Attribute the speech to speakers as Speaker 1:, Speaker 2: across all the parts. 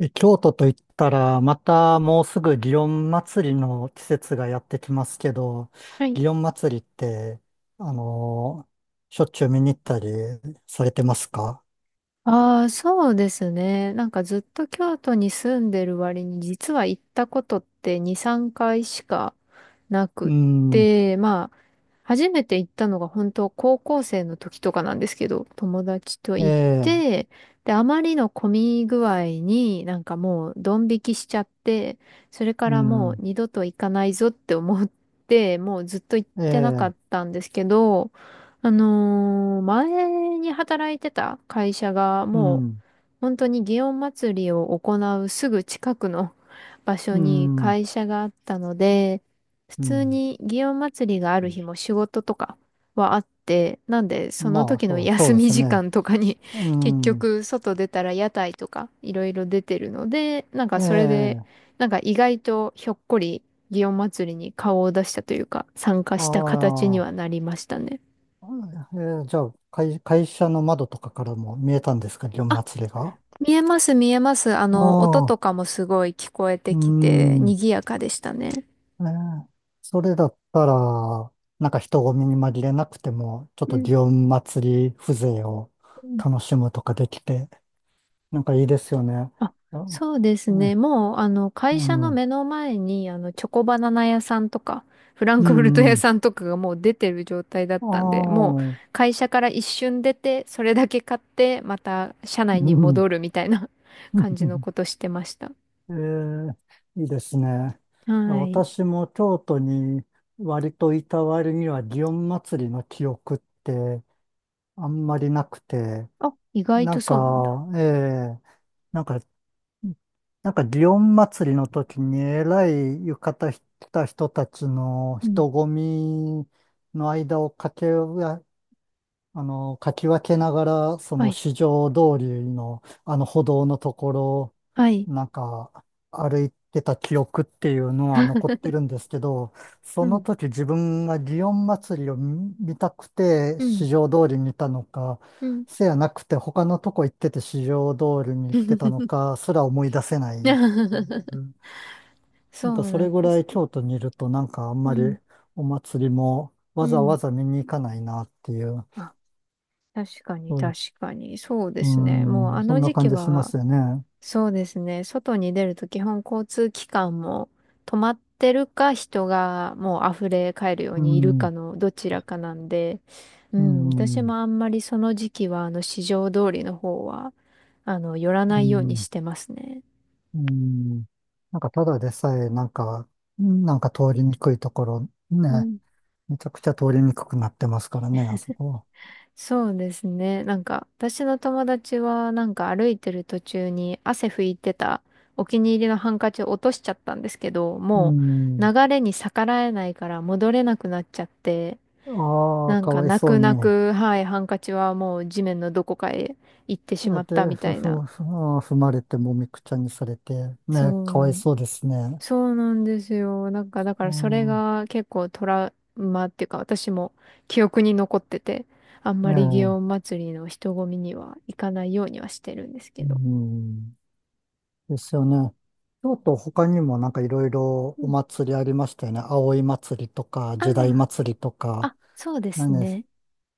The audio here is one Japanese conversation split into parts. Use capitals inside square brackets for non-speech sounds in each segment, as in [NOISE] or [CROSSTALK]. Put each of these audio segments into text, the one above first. Speaker 1: 京都と言ったら、またもうすぐ祇園祭りの季節がやってきますけど、
Speaker 2: はい。
Speaker 1: 祇園祭りって、あのしょっちゅう見に行ったりされてますか？
Speaker 2: ああ、そうですね。なんかずっと京都に住んでる割に、実は行ったことって2、3回しかなく
Speaker 1: う
Speaker 2: っ
Speaker 1: ん。
Speaker 2: て、まあ、初めて行ったのが本当高校生の時とかなんですけど、友達と
Speaker 1: え
Speaker 2: 行っ
Speaker 1: え。
Speaker 2: て、で、あまりの混み具合になんかもうドン引きしちゃって、それか
Speaker 1: う
Speaker 2: らもう
Speaker 1: ん。
Speaker 2: 二度と行かないぞって思って、もうずっと行っ
Speaker 1: え
Speaker 2: てなか
Speaker 1: え。
Speaker 2: ったんですけど、前に働いてた会社が
Speaker 1: う
Speaker 2: もう
Speaker 1: ん。
Speaker 2: 本当に祇園祭りを行うすぐ近くの [LAUGHS] 場所
Speaker 1: う
Speaker 2: に
Speaker 1: ん。
Speaker 2: 会社があったので、普
Speaker 1: う
Speaker 2: 通
Speaker 1: ん。
Speaker 2: に祇園祭りがある日も仕事とかはあって、なんでその
Speaker 1: まあ、
Speaker 2: 時の
Speaker 1: そ
Speaker 2: 休
Speaker 1: うで
Speaker 2: み
Speaker 1: す
Speaker 2: 時
Speaker 1: ね。
Speaker 2: 間とかに
Speaker 1: う
Speaker 2: [LAUGHS] 結
Speaker 1: ん。
Speaker 2: 局外出たら屋台とかいろいろ出てるので、なんか
Speaker 1: え
Speaker 2: それで
Speaker 1: え。
Speaker 2: なんか意外とひょっこり祇園祭りに顔を出したというか参加
Speaker 1: あ
Speaker 2: した形には
Speaker 1: あ。
Speaker 2: なりましたね。
Speaker 1: ええ、じゃあ、会社の窓とかからも見えたんですか、祇園祭りが？
Speaker 2: 見えます、見えます。あの、音
Speaker 1: あ
Speaker 2: と
Speaker 1: あ。
Speaker 2: かもすごい聞こえて
Speaker 1: う
Speaker 2: きて、
Speaker 1: ん。
Speaker 2: 賑やかでしたね。
Speaker 1: ええ、それだったら、なんか人混みに紛れなくても、ちょっ
Speaker 2: う
Speaker 1: と
Speaker 2: ん
Speaker 1: 祇園祭り風情を
Speaker 2: うん。
Speaker 1: 楽しむとかできて、なんかいいですよね。
Speaker 2: あ、
Speaker 1: あ。
Speaker 2: そうですね。
Speaker 1: ね。
Speaker 2: もう、あの、会
Speaker 1: う
Speaker 2: 社の
Speaker 1: ん。
Speaker 2: 目の前に、あの、チョコバナナ屋さんとか、フラン
Speaker 1: う
Speaker 2: クフルト
Speaker 1: ん。
Speaker 2: 屋
Speaker 1: うん。
Speaker 2: さんとかがもう出てる状態だっ
Speaker 1: あ
Speaker 2: たんで、もう、
Speaker 1: あ。
Speaker 2: 会社から一瞬出て、それだけ買って、また、社内
Speaker 1: う
Speaker 2: に
Speaker 1: ん。
Speaker 2: 戻るみたいな [LAUGHS] 感じのことしてました。
Speaker 1: [LAUGHS] ええ、いいですね。
Speaker 2: はい。
Speaker 1: 私も京都に割といた割には祇園祭りの記憶ってあんまりなくて、
Speaker 2: あ、意外
Speaker 1: な
Speaker 2: と
Speaker 1: ん
Speaker 2: そうなんだ。
Speaker 1: か、ええなんかうんなんか、祇園祭りの時に、えらい浴衣着た人たちの
Speaker 2: うん。
Speaker 1: 人混みの間を駆けあの、かき分けながら、そ
Speaker 2: は
Speaker 1: の
Speaker 2: い。
Speaker 1: 市場通りの、あの歩道のところ、
Speaker 2: はい。
Speaker 1: なんか、歩いてた記憶っていうのは残っ
Speaker 2: [LAUGHS]
Speaker 1: てるんですけど、そ
Speaker 2: う
Speaker 1: の
Speaker 2: ん。
Speaker 1: 時自分が祇園祭を見たくて
Speaker 2: うん。
Speaker 1: 市場通りにいたのか、
Speaker 2: うん。
Speaker 1: せやなくて他のとこ行ってて市場通りに行ってたの
Speaker 2: [LAUGHS]
Speaker 1: か、すら思い出せない。う
Speaker 2: [LAUGHS]
Speaker 1: ん。な
Speaker 2: そ
Speaker 1: んか
Speaker 2: う
Speaker 1: そ
Speaker 2: な
Speaker 1: れ
Speaker 2: ん
Speaker 1: ぐ
Speaker 2: で
Speaker 1: ら
Speaker 2: す
Speaker 1: い
Speaker 2: ね。
Speaker 1: 京都にいると、なんかあん
Speaker 2: う
Speaker 1: まり
Speaker 2: ん、
Speaker 1: お祭りも
Speaker 2: う
Speaker 1: わざわ
Speaker 2: ん。
Speaker 1: ざ見に行かないなっていう。
Speaker 2: あ、確かに、
Speaker 1: そういう、
Speaker 2: 確かに。そうで
Speaker 1: う
Speaker 2: すね。もう
Speaker 1: ん、
Speaker 2: あ
Speaker 1: そん
Speaker 2: の
Speaker 1: な
Speaker 2: 時
Speaker 1: 感
Speaker 2: 期
Speaker 1: じしま
Speaker 2: は、
Speaker 1: すよね。
Speaker 2: そうですね。外に出ると基本交通機関も止まってるか、人がもう溢れ返るよう
Speaker 1: う
Speaker 2: にいるか
Speaker 1: ん。
Speaker 2: のどちらかなんで、う
Speaker 1: う
Speaker 2: ん、
Speaker 1: ん。
Speaker 2: 私
Speaker 1: う
Speaker 2: もあんまりその時期は、あの、市場通りの方は、あの、寄らないように
Speaker 1: ん。
Speaker 2: してますね。
Speaker 1: うん。なんかただでさえ、なんか、なんか通りにくいところ、
Speaker 2: う
Speaker 1: ね、
Speaker 2: ん、
Speaker 1: めちゃくちゃ通りにくくなってますからね、あそこ。
Speaker 2: そうですね。なんか、私の友達は、なんか歩いてる途中に汗拭いてたお気に入りのハンカチを落としちゃったんですけど、
Speaker 1: う
Speaker 2: もう流
Speaker 1: ん。
Speaker 2: れに逆らえないから戻れなくなっちゃって、
Speaker 1: ああ、
Speaker 2: なん
Speaker 1: か
Speaker 2: か
Speaker 1: わい
Speaker 2: 泣
Speaker 1: そ
Speaker 2: く
Speaker 1: う
Speaker 2: 泣
Speaker 1: に。
Speaker 2: く、はい、ハンカチはもう地面のどこかへ行ってしまった
Speaker 1: で、
Speaker 2: みた
Speaker 1: ふ、
Speaker 2: いな。
Speaker 1: ふ、ふ、あー踏まれて、もみくちゃにされて、ね、
Speaker 2: そう
Speaker 1: か
Speaker 2: な
Speaker 1: わい
Speaker 2: ん
Speaker 1: そうですね。
Speaker 2: そうなんですよ。なんか、だか
Speaker 1: う
Speaker 2: らそれ
Speaker 1: ん。
Speaker 2: が結構トラウマっていうか、私も記憶に残ってて、あん
Speaker 1: え
Speaker 2: まり祇
Speaker 1: え。
Speaker 2: 園祭りの人混みには行かないようにはしてるんです
Speaker 1: う
Speaker 2: けど。
Speaker 1: ん。ですよね。京都他にもなんかいろいろ
Speaker 2: う
Speaker 1: お
Speaker 2: ん。
Speaker 1: 祭りありましたよね。葵祭りとか、時代
Speaker 2: あ
Speaker 1: 祭りと
Speaker 2: あ、
Speaker 1: か。
Speaker 2: あ、そうです
Speaker 1: 何です。
Speaker 2: ね。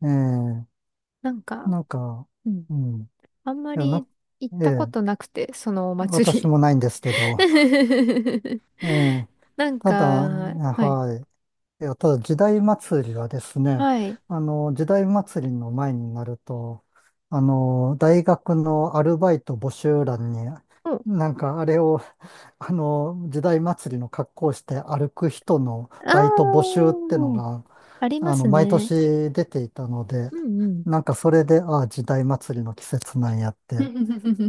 Speaker 1: ええ。
Speaker 2: なんか、
Speaker 1: なんか、
Speaker 2: うん。
Speaker 1: うん。
Speaker 2: あんま
Speaker 1: や、な、
Speaker 2: り行っ
Speaker 1: え
Speaker 2: たこ
Speaker 1: え、
Speaker 2: となくて、そのお
Speaker 1: 私
Speaker 2: 祭り。
Speaker 1: もないんですけど。
Speaker 2: [LAUGHS]
Speaker 1: ええ、
Speaker 2: なん
Speaker 1: た
Speaker 2: か、
Speaker 1: だ、ね、
Speaker 2: はい。
Speaker 1: はい。いや、ただ時代祭りはですね、
Speaker 2: はい。
Speaker 1: 時代祭りの前になると、大学のアルバイト募集欄に、
Speaker 2: うん。
Speaker 1: なんかあれを、[LAUGHS] 時代祭りの格好をして歩く人の
Speaker 2: ああ、
Speaker 1: バイト募集ってのが、
Speaker 2: あります
Speaker 1: 毎
Speaker 2: ね。
Speaker 1: 年出ていたので、
Speaker 2: うん
Speaker 1: なんかそれで、ああ、時代祭りの季節なんやっ
Speaker 2: う
Speaker 1: て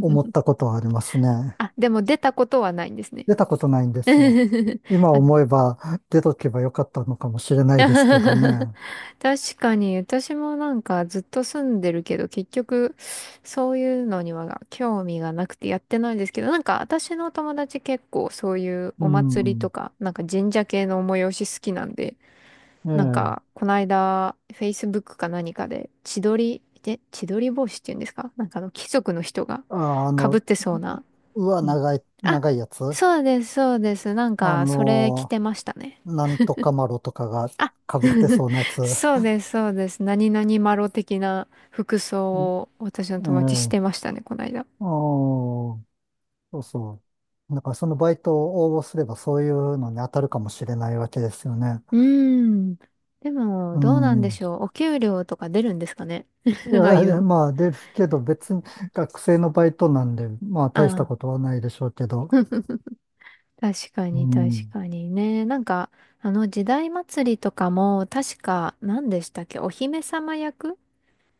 Speaker 1: 思った
Speaker 2: [LAUGHS]
Speaker 1: ことはありますね。
Speaker 2: あ、でも出たことはないんですね。
Speaker 1: 出たことないんですよ。
Speaker 2: [LAUGHS]
Speaker 1: 今
Speaker 2: あ。
Speaker 1: 思えば出とけばよかったのかもしれ
Speaker 2: [LAUGHS]
Speaker 1: ないですけどね。
Speaker 2: 確かに、私もなんかずっと住んでるけど、結局、そういうのには興味がなくてやってないんですけど、なんか私の友達結構そういう
Speaker 1: う
Speaker 2: お祭りと
Speaker 1: ん。
Speaker 2: か、なんか神社系の催し好きなんで、
Speaker 1: え
Speaker 2: なんか、
Speaker 1: え。
Speaker 2: この間、Facebook か何かで、千鳥、で千鳥帽子っていうんですか、なんかあの貴族の人が
Speaker 1: あ、あ
Speaker 2: 被っ
Speaker 1: の、
Speaker 2: てそうな。
Speaker 1: うわ、
Speaker 2: うん。あ、
Speaker 1: 長いやつ。
Speaker 2: そうです、そうです。なん
Speaker 1: あ
Speaker 2: か、それ着
Speaker 1: の、
Speaker 2: てましたね。
Speaker 1: なんとかマロとかが被
Speaker 2: あ。
Speaker 1: って
Speaker 2: [LAUGHS]
Speaker 1: そうなやつ。
Speaker 2: そうです、そうです。何々マロ的な服装
Speaker 1: うん。
Speaker 2: を私の友達し
Speaker 1: え
Speaker 2: てま
Speaker 1: え。
Speaker 2: したね、この間。
Speaker 1: ああ、そうそう。だからそのバイトを応募すればそういうのに当たるかもしれないわけですよね。
Speaker 2: うーん。でも、
Speaker 1: う
Speaker 2: どうなんで
Speaker 1: ん。
Speaker 2: しょう。お給料とか出るんですかね。
Speaker 1: い
Speaker 2: [LAUGHS] ああい
Speaker 1: や、
Speaker 2: う
Speaker 1: で
Speaker 2: の。
Speaker 1: ですけど別に学生のバイトなんで、まあ
Speaker 2: あ
Speaker 1: 大したこ
Speaker 2: あ。
Speaker 1: とはないでしょうけど。
Speaker 2: [LAUGHS] 確か
Speaker 1: う
Speaker 2: に、確
Speaker 1: ん。
Speaker 2: かにね。なんか、あの、時代祭りとかも、確か、何でしたっけ、お姫様役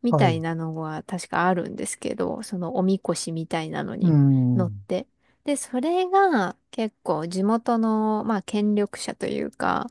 Speaker 2: み
Speaker 1: は
Speaker 2: たい
Speaker 1: い。
Speaker 2: なのが確かあるんですけど、そのおみこしみたいなの
Speaker 1: う
Speaker 2: に乗っ
Speaker 1: ん。
Speaker 2: て。で、それが結構地元の、まあ、権力者というか、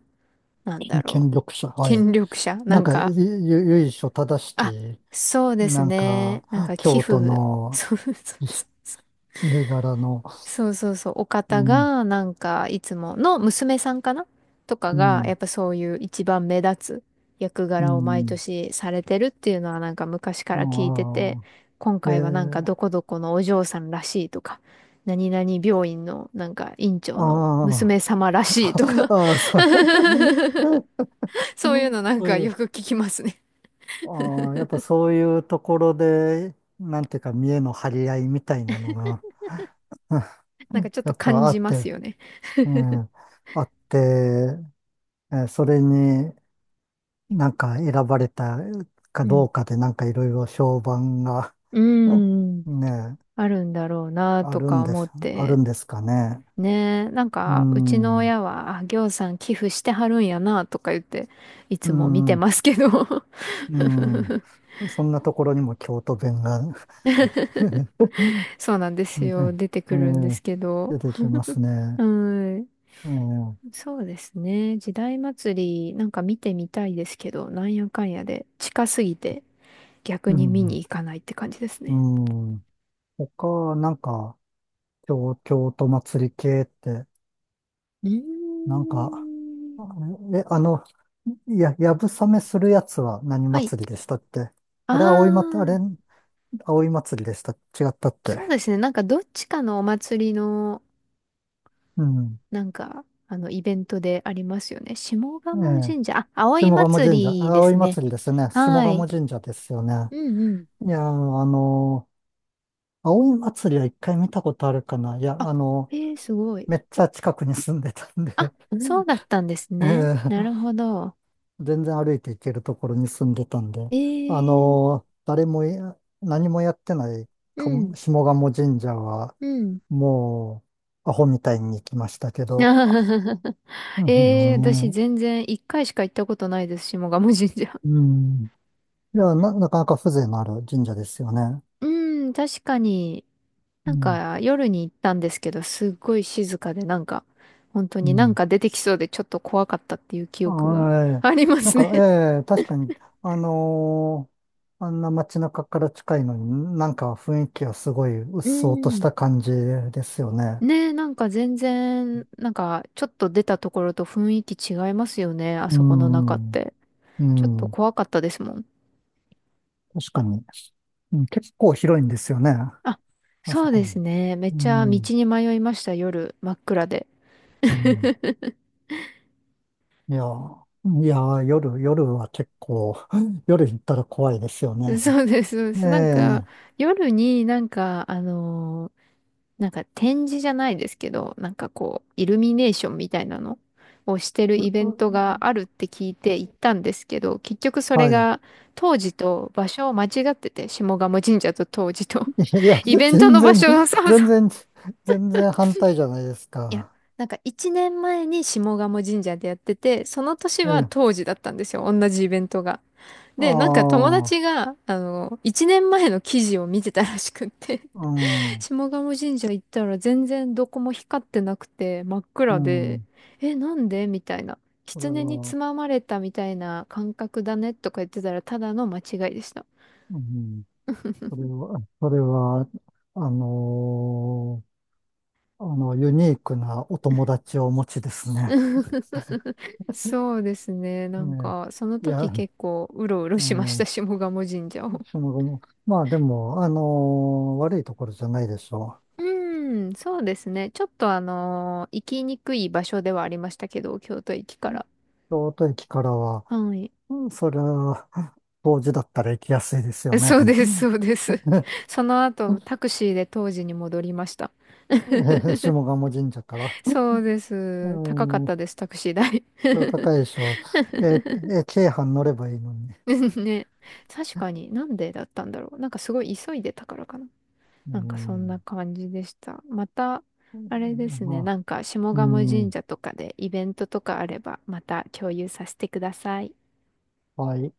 Speaker 2: なんだろ
Speaker 1: 権
Speaker 2: う。
Speaker 1: 力者。はい。
Speaker 2: 権力者な
Speaker 1: なん
Speaker 2: ん
Speaker 1: か、
Speaker 2: か、
Speaker 1: 由緒正し
Speaker 2: あ、
Speaker 1: き、
Speaker 2: そうです
Speaker 1: なん
Speaker 2: ね。
Speaker 1: か、
Speaker 2: なんか寄
Speaker 1: 京都
Speaker 2: 付、
Speaker 1: の
Speaker 2: そうそう
Speaker 1: い
Speaker 2: そう。
Speaker 1: 家柄の、
Speaker 2: そうそうそう、お
Speaker 1: う
Speaker 2: 方
Speaker 1: ん。
Speaker 2: が、なんか、いつもの娘さんかなとか
Speaker 1: う
Speaker 2: が、や
Speaker 1: ん。
Speaker 2: っぱそういう一番目立つ役
Speaker 1: う
Speaker 2: 柄を毎
Speaker 1: ん。
Speaker 2: 年されてるっていうのはなんか昔から聞いてて、
Speaker 1: あ
Speaker 2: 今
Speaker 1: あ。え
Speaker 2: 回はなんかど
Speaker 1: ー。
Speaker 2: こどこのお嬢さんらしいとか、何々病院のなんか院長の
Speaker 1: あ
Speaker 2: 娘
Speaker 1: ー。
Speaker 2: 様らしいと
Speaker 1: [LAUGHS]
Speaker 2: か。
Speaker 1: あー、あそう、
Speaker 2: [LAUGHS] そういう
Speaker 1: [LAUGHS]
Speaker 2: のなん
Speaker 1: そう
Speaker 2: か
Speaker 1: い
Speaker 2: よ
Speaker 1: う、
Speaker 2: く聞きますね。
Speaker 1: ああ、やっぱそういうところで、なんていうか、見栄の張り合いみたいなのが、[LAUGHS]
Speaker 2: な
Speaker 1: う
Speaker 2: んか
Speaker 1: ん、
Speaker 2: ちょっ
Speaker 1: や
Speaker 2: と
Speaker 1: っ
Speaker 2: 感
Speaker 1: ぱあ
Speaker 2: じ
Speaker 1: っ
Speaker 2: ま
Speaker 1: て、
Speaker 2: すよね。
Speaker 1: うん、あって、えーそれに、なんか選ばれたか
Speaker 2: う
Speaker 1: ど
Speaker 2: ん。
Speaker 1: うかでなんかいろいろ評判が。
Speaker 2: うー
Speaker 1: [LAUGHS]
Speaker 2: ん。
Speaker 1: ね、
Speaker 2: あるんだろうな
Speaker 1: あ
Speaker 2: と
Speaker 1: るん
Speaker 2: か
Speaker 1: で
Speaker 2: 思っ
Speaker 1: す、ある
Speaker 2: て。
Speaker 1: んですかね。
Speaker 2: ねえ、なん
Speaker 1: う
Speaker 2: か、うちの
Speaker 1: ん。
Speaker 2: 親は、あ、ぎょうさん寄付してはるんやな、とか言って、い
Speaker 1: う
Speaker 2: つも見て
Speaker 1: ん。
Speaker 2: ますけど。
Speaker 1: う
Speaker 2: [LAUGHS]
Speaker 1: ん。そんなところにも京都弁が。 [LAUGHS] う
Speaker 2: そうなんです
Speaker 1: ん。
Speaker 2: よ。
Speaker 1: ね
Speaker 2: 出て
Speaker 1: え。
Speaker 2: くるんで
Speaker 1: ー、
Speaker 2: すけど。
Speaker 1: 出てきますね。
Speaker 2: うん。
Speaker 1: えー
Speaker 2: そうですね。時代祭り、なんか見てみたいですけど、なんやかんやで、近すぎて、逆
Speaker 1: う
Speaker 2: に見に
Speaker 1: ん。
Speaker 2: 行かないって感じです
Speaker 1: う
Speaker 2: ね。
Speaker 1: ん。他、なんか、京都祭り系って、
Speaker 2: う
Speaker 1: なんか、
Speaker 2: ーん。
Speaker 1: え、あの、いや、やぶさめするやつは何
Speaker 2: はい。
Speaker 1: 祭りでしたって。
Speaker 2: あ
Speaker 1: あれ、
Speaker 2: あ、
Speaker 1: 葵祭りでした。違ったっ
Speaker 2: そう
Speaker 1: て。
Speaker 2: ですね。なんかどっちかのお祭りの
Speaker 1: うん。
Speaker 2: なんか、あの、イベントでありますよね。下
Speaker 1: え
Speaker 2: 鴨
Speaker 1: え。
Speaker 2: 神社。あ、
Speaker 1: 下
Speaker 2: 葵
Speaker 1: 鴨
Speaker 2: 祭
Speaker 1: 神社。
Speaker 2: りで
Speaker 1: 葵
Speaker 2: すね。
Speaker 1: 祭りですね。下
Speaker 2: はい。
Speaker 1: 鴨神社ですよね。
Speaker 2: うんうん。
Speaker 1: いやー、葵祭りは一回見たことあるかな。いや、
Speaker 2: あ、えー、すごい。
Speaker 1: めっちゃ近くに住んでたんで。
Speaker 2: あ、
Speaker 1: [LAUGHS]
Speaker 2: そうだったんです
Speaker 1: え
Speaker 2: ね。なる
Speaker 1: え、
Speaker 2: ほど。
Speaker 1: 全然歩いて行けるところに住んでたんで、
Speaker 2: え
Speaker 1: あ
Speaker 2: ー、
Speaker 1: のー、誰もい、何もやってない
Speaker 2: う
Speaker 1: か
Speaker 2: ん、
Speaker 1: も下鴨神社は、
Speaker 2: うん。
Speaker 1: もう、アホみたいに行きましたけど。
Speaker 2: [LAUGHS]
Speaker 1: う
Speaker 2: えー、私
Speaker 1: ん。
Speaker 2: 全然一回しか行ったことないです、下鴨神社。
Speaker 1: うん。いや、なかなか風情のある神社ですよね。
Speaker 2: うん、確かに、
Speaker 1: う
Speaker 2: なん
Speaker 1: ん。
Speaker 2: か夜に行ったんですけど、すっごい静かで、なんか、本当
Speaker 1: う
Speaker 2: になん
Speaker 1: ん。
Speaker 2: か出てきそうでちょっと怖かったっていう記憶が
Speaker 1: あ
Speaker 2: [LAUGHS]
Speaker 1: え
Speaker 2: ありま
Speaker 1: なん
Speaker 2: す
Speaker 1: か、
Speaker 2: ね。
Speaker 1: ええ、確かに、あのーあんな街中から近いのに、なんか雰囲気はすごい鬱
Speaker 2: う
Speaker 1: 蒼とし
Speaker 2: ん。
Speaker 1: た感じですよね。
Speaker 2: ねえ、なんか全然、なんかちょっと出たところと雰囲気違いますよね、あ
Speaker 1: う
Speaker 2: そこの中っ
Speaker 1: ん。
Speaker 2: て。
Speaker 1: う
Speaker 2: ちょっと
Speaker 1: ん。
Speaker 2: 怖かったですもん。
Speaker 1: 確かに。うん、結構広いんですよね、
Speaker 2: あ、
Speaker 1: あ
Speaker 2: そ
Speaker 1: そ
Speaker 2: うです
Speaker 1: こ。
Speaker 2: ね。めっ
Speaker 1: う
Speaker 2: ちゃ道
Speaker 1: ん。
Speaker 2: に迷いました、夜、真っ暗で。
Speaker 1: うん。
Speaker 2: [LAUGHS]
Speaker 1: いやー、夜は結構、[LAUGHS] 夜行ったら怖いですよね。
Speaker 2: そうです、そうで
Speaker 1: え
Speaker 2: す。なんか、
Speaker 1: え。
Speaker 2: 夜になんか、なんか展示じゃないですけど、なんかこう、イルミネーションみたいなのをしてる
Speaker 1: う
Speaker 2: イベン
Speaker 1: う
Speaker 2: トがあるって聞いて行ったんですけど、結局それ
Speaker 1: はい。
Speaker 2: が当時と場所を間違ってて、下鴨神社と当時と、
Speaker 1: いや、
Speaker 2: [LAUGHS] イベントの場所を、そうそう。
Speaker 1: 全然、全然反対じゃないです
Speaker 2: いや、
Speaker 1: か。
Speaker 2: なんか1年前に下鴨神社でやってて、その年
Speaker 1: え
Speaker 2: は
Speaker 1: え。
Speaker 2: 当時だったんですよ、同じイベントが。
Speaker 1: あ
Speaker 2: で、なんか友
Speaker 1: あ。
Speaker 2: 達が、あの、1年前の記事を見てたらしくって、
Speaker 1: う
Speaker 2: [LAUGHS]
Speaker 1: ん。
Speaker 2: 下鴨神社行ったら全然どこも光ってなくて真っ
Speaker 1: う
Speaker 2: 暗で、
Speaker 1: ん、
Speaker 2: え、なんでみたいな。
Speaker 1: それ
Speaker 2: 狐に
Speaker 1: は、
Speaker 2: つままれたみたいな感覚だねとか言ってたらただの間違いでした。
Speaker 1: うん、それは、あのーあの、ユニークなお友達をお持ちですね。
Speaker 2: [LAUGHS] そうですね。なん
Speaker 1: ね
Speaker 2: か、その
Speaker 1: え。い
Speaker 2: 時
Speaker 1: や。
Speaker 2: 結構うろうろしました、
Speaker 1: ええ、
Speaker 2: 下鴨神社を。
Speaker 1: その後も、まあでも、悪いところじゃないでしょ
Speaker 2: うん、そうですね。ちょっと行きにくい場所ではありましたけど、京都駅か
Speaker 1: う。
Speaker 2: ら。
Speaker 1: 京都駅からは、
Speaker 2: はい。
Speaker 1: うん、それは、当時だったら行きやすいですよね。
Speaker 2: そうです、そうです。
Speaker 1: [LAUGHS] え
Speaker 2: その後、タクシーで当時に戻りました。[LAUGHS]
Speaker 1: ー、下鴨神社から。
Speaker 2: そうで
Speaker 1: う
Speaker 2: す。高かっ
Speaker 1: ん、
Speaker 2: たです、タクシー代。
Speaker 1: 高いでしょえー、京阪乗ればいいのに。
Speaker 2: [LAUGHS] ね。確かに、なんでだったんだろう。なんかすごい急いでたからかな。
Speaker 1: う
Speaker 2: なんかそんな
Speaker 1: ん。
Speaker 2: 感じでした。また、あれですね。
Speaker 1: ま
Speaker 2: な
Speaker 1: あ。
Speaker 2: んか、下
Speaker 1: う
Speaker 2: 鴨神
Speaker 1: ん。
Speaker 2: 社とかでイベントとかあれば、また共有させてください。
Speaker 1: はい。